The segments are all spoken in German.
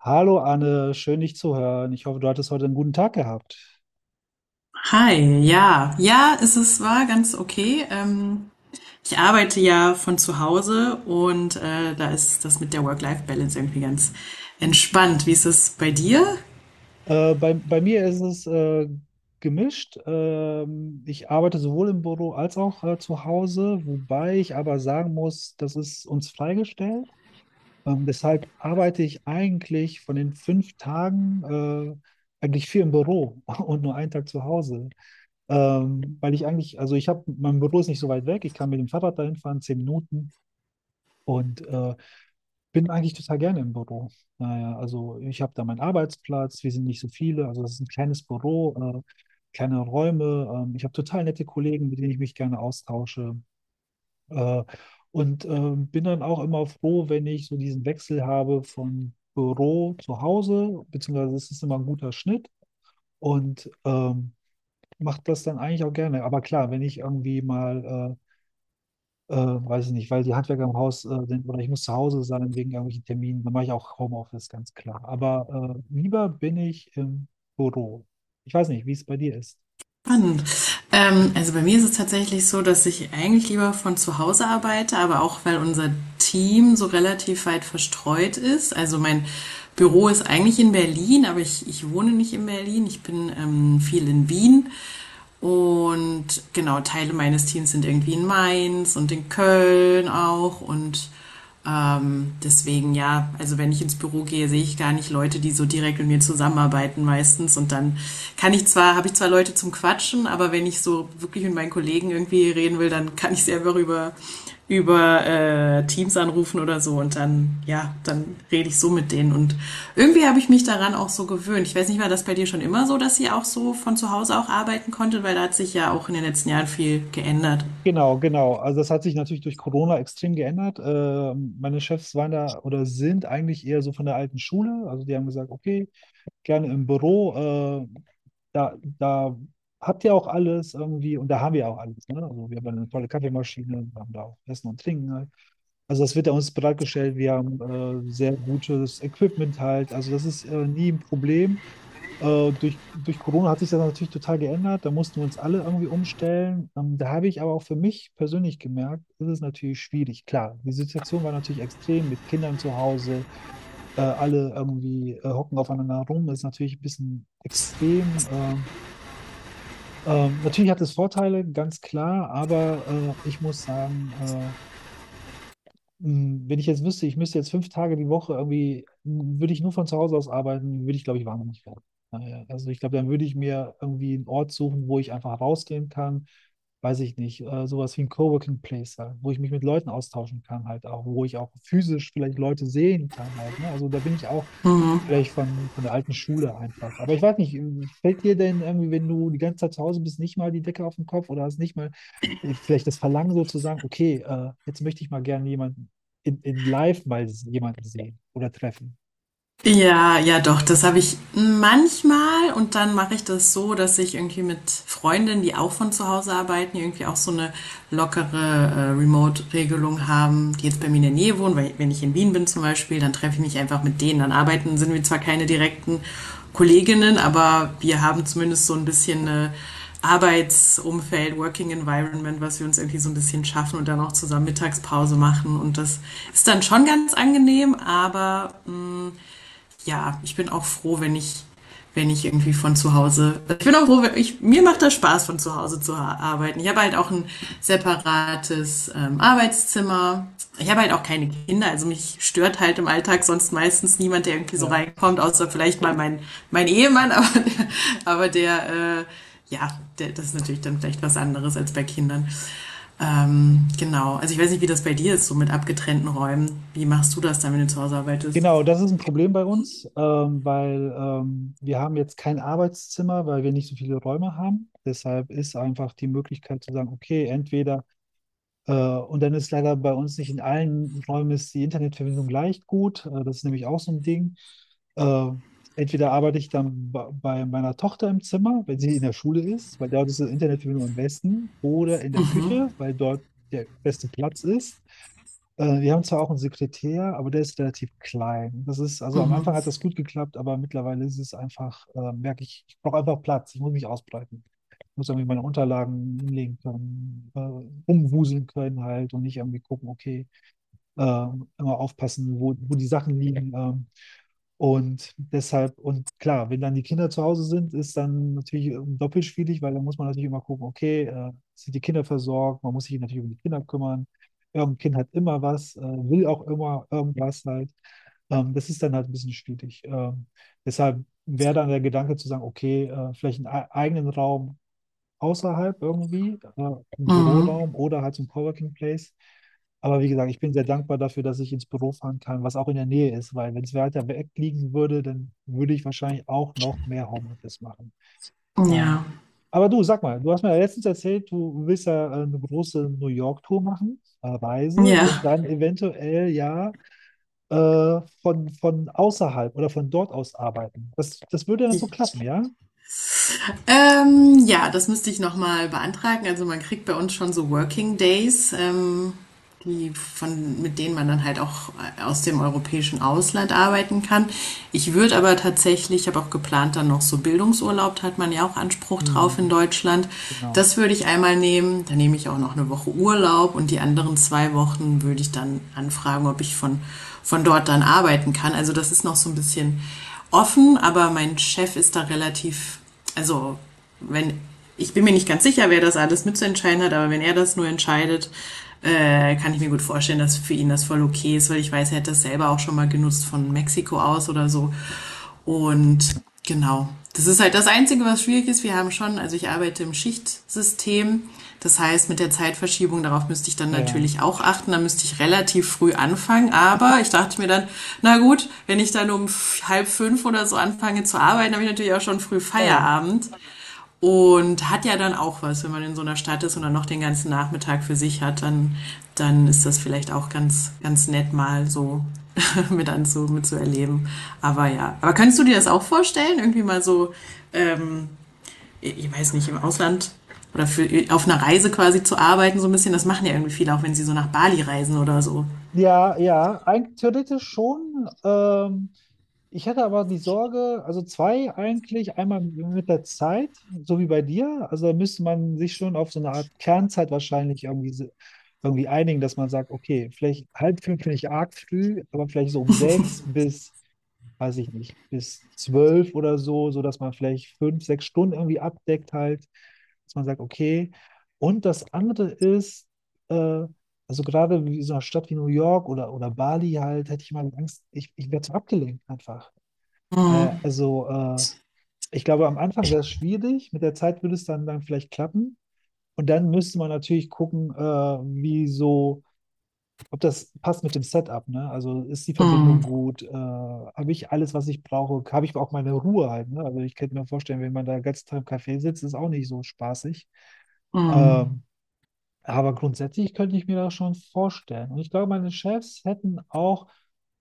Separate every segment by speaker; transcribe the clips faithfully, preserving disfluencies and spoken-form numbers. Speaker 1: Hallo Anne, schön dich zu hören. Ich hoffe, du hattest heute einen guten Tag gehabt.
Speaker 2: Hi, ja. Ja, es ist, war ganz okay. Ähm, ich arbeite ja von zu Hause und äh, da ist das mit der Work-Life-Balance irgendwie ganz entspannt. Wie ist es bei dir?
Speaker 1: Äh, bei, bei mir ist es äh, gemischt. Ähm, ich arbeite sowohl im Büro als auch äh, zu Hause, wobei ich aber sagen muss, das ist uns freigestellt. Ähm, deshalb arbeite ich eigentlich von den fünf Tagen äh, eigentlich vier im Büro und nur einen Tag zu Hause. Ähm, weil ich eigentlich, also ich habe, mein Büro ist nicht so weit weg. Ich kann mit dem Fahrrad dahin fahren, zehn Minuten. Und äh, bin eigentlich total gerne im Büro. Naja, also ich habe da meinen Arbeitsplatz, wir sind nicht so viele, also das ist ein kleines Büro, äh, kleine Räume. Ähm, ich habe total nette Kollegen, mit denen ich mich gerne austausche. Äh, und ähm, bin dann auch immer froh, wenn ich so diesen Wechsel habe von Büro zu Hause, beziehungsweise es ist immer ein guter Schnitt und ähm, macht das dann eigentlich auch gerne. Aber klar, wenn ich irgendwie mal äh, äh, weiß ich nicht, weil die Handwerker im Haus äh, sind oder ich muss zu Hause sein wegen irgendwelchen Terminen. Dann mache ich auch Homeoffice, ganz klar. Aber äh, lieber bin ich im Büro. Ich weiß nicht, wie es bei dir ist.
Speaker 2: Ähm, also bei mir ist es tatsächlich so, dass ich eigentlich lieber von zu Hause arbeite, aber auch weil unser Team so relativ weit verstreut ist. Also mein Büro ist eigentlich in Berlin, aber ich, ich wohne nicht in Berlin. Ich bin ähm, viel in Wien. Und genau, Teile meines Teams sind irgendwie in Mainz und in Köln auch. Und ähm, deswegen ja, also wenn ich ins Büro gehe, sehe ich gar nicht Leute, die so direkt mit mir zusammenarbeiten meistens. Und dann kann ich zwar, habe ich zwar Leute zum Quatschen, aber wenn ich so wirklich mit meinen Kollegen irgendwie reden will, dann kann ich sie einfach über, über äh, Teams anrufen oder so. Und dann, ja, dann rede ich so mit denen. Und irgendwie habe ich mich daran auch so gewöhnt. Ich weiß nicht, war das bei dir schon immer so, dass ihr auch so von zu Hause auch arbeiten konntet, weil da hat sich ja auch in den letzten Jahren viel geändert.
Speaker 1: Genau, genau. Also das hat sich natürlich durch Corona extrem geändert. Äh, meine Chefs waren da oder sind eigentlich eher so von der alten Schule. Also die haben gesagt, okay, gerne im Büro. Äh, da, da habt ihr auch alles irgendwie und da haben wir auch alles. Ne? Also wir haben eine tolle Kaffeemaschine, wir haben da auch Essen und Trinken, ne? Also das wird ja uns bereitgestellt. Wir haben äh, sehr gutes Equipment halt. Also das ist äh, nie ein Problem. Äh, durch, durch Corona hat sich das natürlich total geändert. Da mussten wir uns alle irgendwie umstellen. Ähm, da habe ich aber auch für mich persönlich gemerkt, das ist natürlich schwierig. Klar, die Situation war natürlich extrem mit Kindern zu Hause. Äh, alle irgendwie äh, hocken aufeinander rum. Das ist natürlich ein bisschen extrem. Ähm, ähm, natürlich hat es Vorteile, ganz klar, aber äh, ich muss sagen, äh, mh, wenn ich jetzt wüsste, ich müsste jetzt fünf Tage die Woche irgendwie, mh, würde ich nur von zu Hause aus arbeiten, würde ich, glaube ich, wahnsinnig werden. Naja, also ich glaube, dann würde ich mir irgendwie einen Ort suchen, wo ich einfach rausgehen kann, weiß ich nicht, äh, sowas wie ein Coworking Place halt, wo ich mich mit Leuten austauschen kann halt auch, wo ich auch physisch vielleicht Leute sehen kann halt, ne? Also da bin ich auch vielleicht von, von der alten Schule einfach. Aber ich weiß nicht, fällt dir denn irgendwie, wenn du die ganze Zeit zu Hause bist, nicht mal die Decke auf den Kopf oder hast nicht mal äh, vielleicht das Verlangen so zu sagen, okay, äh, jetzt möchte ich mal gerne jemand in, in live mal jemanden sehen oder treffen.
Speaker 2: Ja, ja doch, das habe ich manchmal und dann mache ich das so, dass ich irgendwie mit Freundinnen, die auch von zu Hause arbeiten, die irgendwie auch so eine lockere äh, Remote-Regelung haben, die jetzt bei mir in der Nähe wohnen, weil wenn ich in Wien bin zum Beispiel, dann treffe ich mich einfach mit denen, dann arbeiten, sind wir zwar keine direkten Kolleginnen, aber wir haben zumindest so ein bisschen eine Arbeitsumfeld, Working Environment, was wir uns irgendwie so ein bisschen schaffen und dann auch zusammen Mittagspause machen. Und das ist dann schon ganz angenehm, aber ja, ich bin auch froh, wenn ich, wenn ich irgendwie von zu Hause, ich bin auch froh, wenn ich, mir macht das Spaß, von zu Hause zu ha- arbeiten. Ich habe halt auch ein separates ähm, Arbeitszimmer. Ich habe halt auch keine Kinder, also mich stört halt im Alltag sonst meistens niemand, der irgendwie so
Speaker 1: Ja.
Speaker 2: reinkommt, außer vielleicht mal mein, mein Ehemann, aber der, aber der äh, ja, der, das ist natürlich dann vielleicht was anderes als bei Kindern. Ähm, genau, also ich weiß nicht, wie das bei dir ist, so mit abgetrennten Räumen. Wie machst du das dann, wenn du zu Hause arbeitest?
Speaker 1: Genau, das ist ein Problem bei uns, ähm, weil ähm, wir haben jetzt kein Arbeitszimmer, weil wir nicht so viele Räume haben. Deshalb ist einfach die Möglichkeit zu sagen, okay, entweder. Äh, und dann ist leider bei uns nicht in allen Räumen ist die Internetverbindung leicht gut. Äh, das ist nämlich auch so ein Ding. Äh, Entweder arbeite ich dann bei, bei meiner Tochter im Zimmer, wenn sie in der Schule ist, weil dort ist die Internetverbindung am besten, oder in der Küche, weil dort der beste Platz ist. Äh, wir haben zwar auch einen Sekretär, aber der ist relativ klein. Das ist, also am Anfang hat das gut geklappt, aber mittlerweile ist es einfach, äh, merke ich, ich brauche einfach Platz, ich muss mich ausbreiten, muss irgendwie meine Unterlagen hinlegen können, äh, rumwuseln können halt und nicht irgendwie gucken, okay, äh, immer aufpassen, wo, wo die Sachen liegen. Ähm, und deshalb, und klar, wenn dann die Kinder zu Hause sind, ist dann natürlich ähm, doppelt schwierig, weil dann muss man natürlich immer gucken, okay, äh, sind die Kinder versorgt, man muss sich natürlich um die Kinder kümmern. Irgendein Kind hat immer was, äh, will auch immer irgendwas halt. Ähm, das ist dann halt ein bisschen schwierig. Ähm, deshalb wäre dann der Gedanke zu sagen, okay, äh, vielleicht einen e- eigenen Raum außerhalb irgendwie, äh, im
Speaker 2: Mhm.
Speaker 1: Büroraum oder halt zum Coworking Place. Aber wie gesagt, ich bin sehr dankbar dafür, dass ich ins Büro fahren kann, was auch in der Nähe ist, weil wenn es weiter weg liegen würde, dann würde ich wahrscheinlich auch noch mehr Homeoffice machen. Äh,
Speaker 2: Ja,
Speaker 1: aber du, sag mal, du hast mir ja letztens erzählt, du willst ja äh, eine große New York-Tour machen, äh, Reise und
Speaker 2: ja.
Speaker 1: dann eventuell ja äh, von, von außerhalb oder von dort aus arbeiten. Das, das würde dann so klappen, ja?
Speaker 2: Ähm, ja, das müsste ich nochmal beantragen. Also man kriegt bei uns schon so Working Days. Ähm, die von, mit denen man dann halt auch äh, aus dem europäischen Ausland arbeiten kann. Ich würde aber tatsächlich, Ich habe auch geplant, dann noch so Bildungsurlaub, da hat man ja auch Anspruch drauf in
Speaker 1: Hm,
Speaker 2: Deutschland.
Speaker 1: genau.
Speaker 2: Das würde ich einmal nehmen. Dann nehme ich auch noch eine Woche Urlaub und die anderen zwei Wochen würde ich dann anfragen, ob ich von, von dort dann arbeiten kann. Also das ist noch so ein bisschen offen, aber mein Chef ist da relativ, also wenn, ich bin mir nicht ganz sicher, wer das alles mitzuentscheiden hat, aber wenn er das nur entscheidet, äh, kann ich mir gut vorstellen, dass für ihn das voll okay ist, weil ich weiß, er hat das selber auch schon mal genutzt von Mexiko aus oder so. Und genau, das ist halt das Einzige, was schwierig ist. Wir haben schon, also ich arbeite im Schichtsystem, das heißt, mit der Zeitverschiebung, darauf müsste ich dann
Speaker 1: Ja,
Speaker 2: natürlich auch achten. Da müsste ich relativ früh anfangen. Aber ich dachte mir dann, na gut, wenn ich dann um halb fünf oder so anfange zu arbeiten, habe ich natürlich auch schon früh
Speaker 1: klar.
Speaker 2: Feierabend. Und hat ja dann auch was, wenn man in so einer Stadt ist und dann noch den ganzen Nachmittag für sich hat, dann, dann ist das vielleicht auch ganz, ganz nett mal so mit anzu, mit zu erleben. Aber ja. Aber kannst du dir das auch vorstellen? Irgendwie mal so, ähm, ich weiß nicht, im Ausland oder für, auf einer Reise quasi zu arbeiten, so ein bisschen, das machen ja irgendwie viele, auch wenn sie so nach Bali reisen oder so.
Speaker 1: Ja, ja, eigentlich theoretisch schon. Ähm, ich hätte aber die Sorge, also zwei eigentlich, einmal mit der Zeit, so wie bei dir. Also da müsste man sich schon auf so eine Art Kernzeit wahrscheinlich irgendwie, se- irgendwie einigen, dass man sagt, okay, vielleicht halb fünf finde ich arg früh, aber vielleicht so um sechs bis, weiß ich nicht, bis zwölf oder so, so dass man vielleicht fünf, sechs Stunden irgendwie abdeckt halt, dass man sagt, okay. Und das andere ist, äh, also gerade in so einer Stadt wie New York oder, oder Bali halt, hätte ich mal Angst, ich, ich werde so abgelenkt einfach. Äh, also äh, Ich glaube, am Anfang wäre es schwierig, mit der Zeit würde es dann, dann vielleicht klappen. Und dann müsste man natürlich gucken, äh, ob das passt mit dem Setup, ne? Also ist die Verbindung
Speaker 2: Mm,
Speaker 1: gut? Äh, habe ich alles, was ich brauche? Habe ich auch meine Ruhe halt, ne? Also ich könnte mir vorstellen, wenn man da den ganzen Tag im Café sitzt, ist auch nicht so spaßig.
Speaker 2: mm,
Speaker 1: Ähm, Aber grundsätzlich könnte ich mir das schon vorstellen. Und ich glaube, meine Chefs hätten auch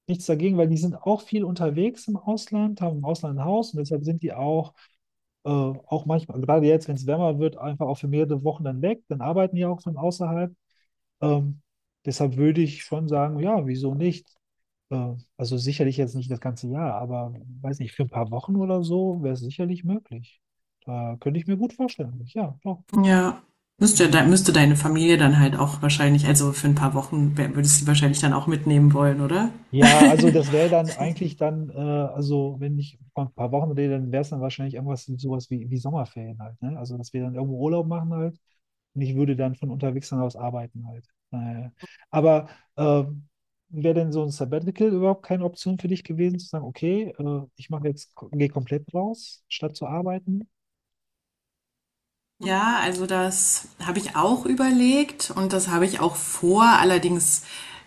Speaker 1: nichts dagegen, weil die sind auch viel unterwegs im Ausland, haben im Ausland ein Haus und deshalb sind die auch, äh, auch manchmal, gerade jetzt, wenn es wärmer wird, einfach auch für mehrere Wochen dann weg. Dann arbeiten die auch von außerhalb. Ähm, Deshalb würde ich schon sagen, ja, wieso nicht? Äh, also sicherlich jetzt nicht das ganze Jahr, aber weiß nicht, für ein paar Wochen oder so wäre es sicherlich möglich. Da könnte ich mir gut vorstellen. Ja, doch.
Speaker 2: ja. Müsste,
Speaker 1: Äh,
Speaker 2: müsste deine Familie dann halt auch wahrscheinlich, also für ein paar Wochen würdest du sie wahrscheinlich dann auch mitnehmen wollen, oder?
Speaker 1: Ja, also das wäre dann eigentlich dann, äh, also wenn ich von ein paar Wochen rede, dann wäre es dann wahrscheinlich irgendwas sowas wie, wie Sommerferien halt, ne? Also dass wir dann irgendwo Urlaub machen halt und ich würde dann von unterwegs dann aus arbeiten halt. Naja. Aber äh, wäre denn so ein Sabbatical überhaupt keine Option für dich gewesen, zu sagen, okay, äh, ich mache jetzt, gehe komplett raus, statt zu arbeiten?
Speaker 2: Ja, also das habe ich auch überlegt und das habe ich auch vor. Allerdings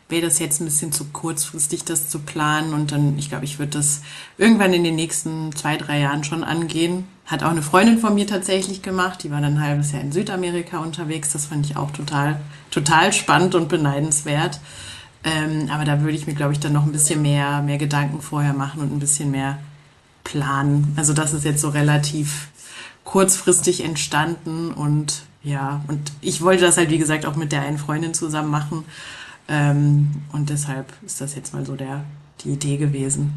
Speaker 2: wäre das jetzt ein bisschen zu kurzfristig, das zu planen. Und dann, ich glaube, ich würde das irgendwann in den nächsten zwei, drei Jahren schon angehen. Hat auch eine Freundin von mir tatsächlich gemacht. Die war dann ein halbes Jahr in Südamerika unterwegs. Das fand ich auch total, total spannend und beneidenswert. Ähm, aber da würde ich mir, glaube ich, dann noch ein bisschen mehr, mehr Gedanken vorher machen und ein bisschen mehr planen. Also das ist jetzt so relativ kurzfristig entstanden und ja, und ich wollte das halt, wie gesagt, auch mit der einen Freundin zusammen machen. Ähm, und deshalb ist das jetzt mal so der, die Idee gewesen.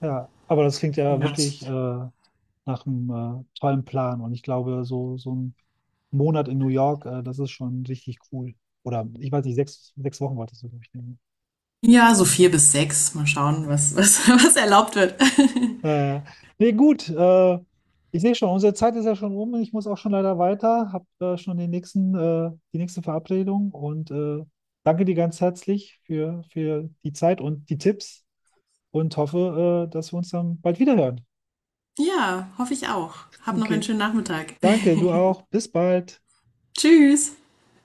Speaker 1: Ja, aber das klingt ja wirklich äh, nach einem äh, tollen Plan. Und ich glaube, so, so ein Monat in New York, äh, das ist schon richtig cool. Oder ich weiß nicht, sechs, sechs Wochen wolltest du, glaube ich, nehmen.
Speaker 2: Ja, so vier
Speaker 1: Mhm,
Speaker 2: bis sechs. Mal schauen, was,
Speaker 1: ja.
Speaker 2: was, was erlaubt wird.
Speaker 1: Äh, Nee, gut. Äh, ich sehe schon, unsere Zeit ist ja schon um. Ich muss auch schon leider weiter. Hab äh, schon den nächsten, äh, die nächste Verabredung. Und äh, danke dir ganz herzlich für, für die Zeit und die Tipps und hoffe, äh, dass wir uns dann bald wiederhören.
Speaker 2: Ja, hoffe ich auch. Hab noch einen
Speaker 1: Okay.
Speaker 2: schönen Nachmittag.
Speaker 1: Danke, du auch. Bis bald.
Speaker 2: Tschüss.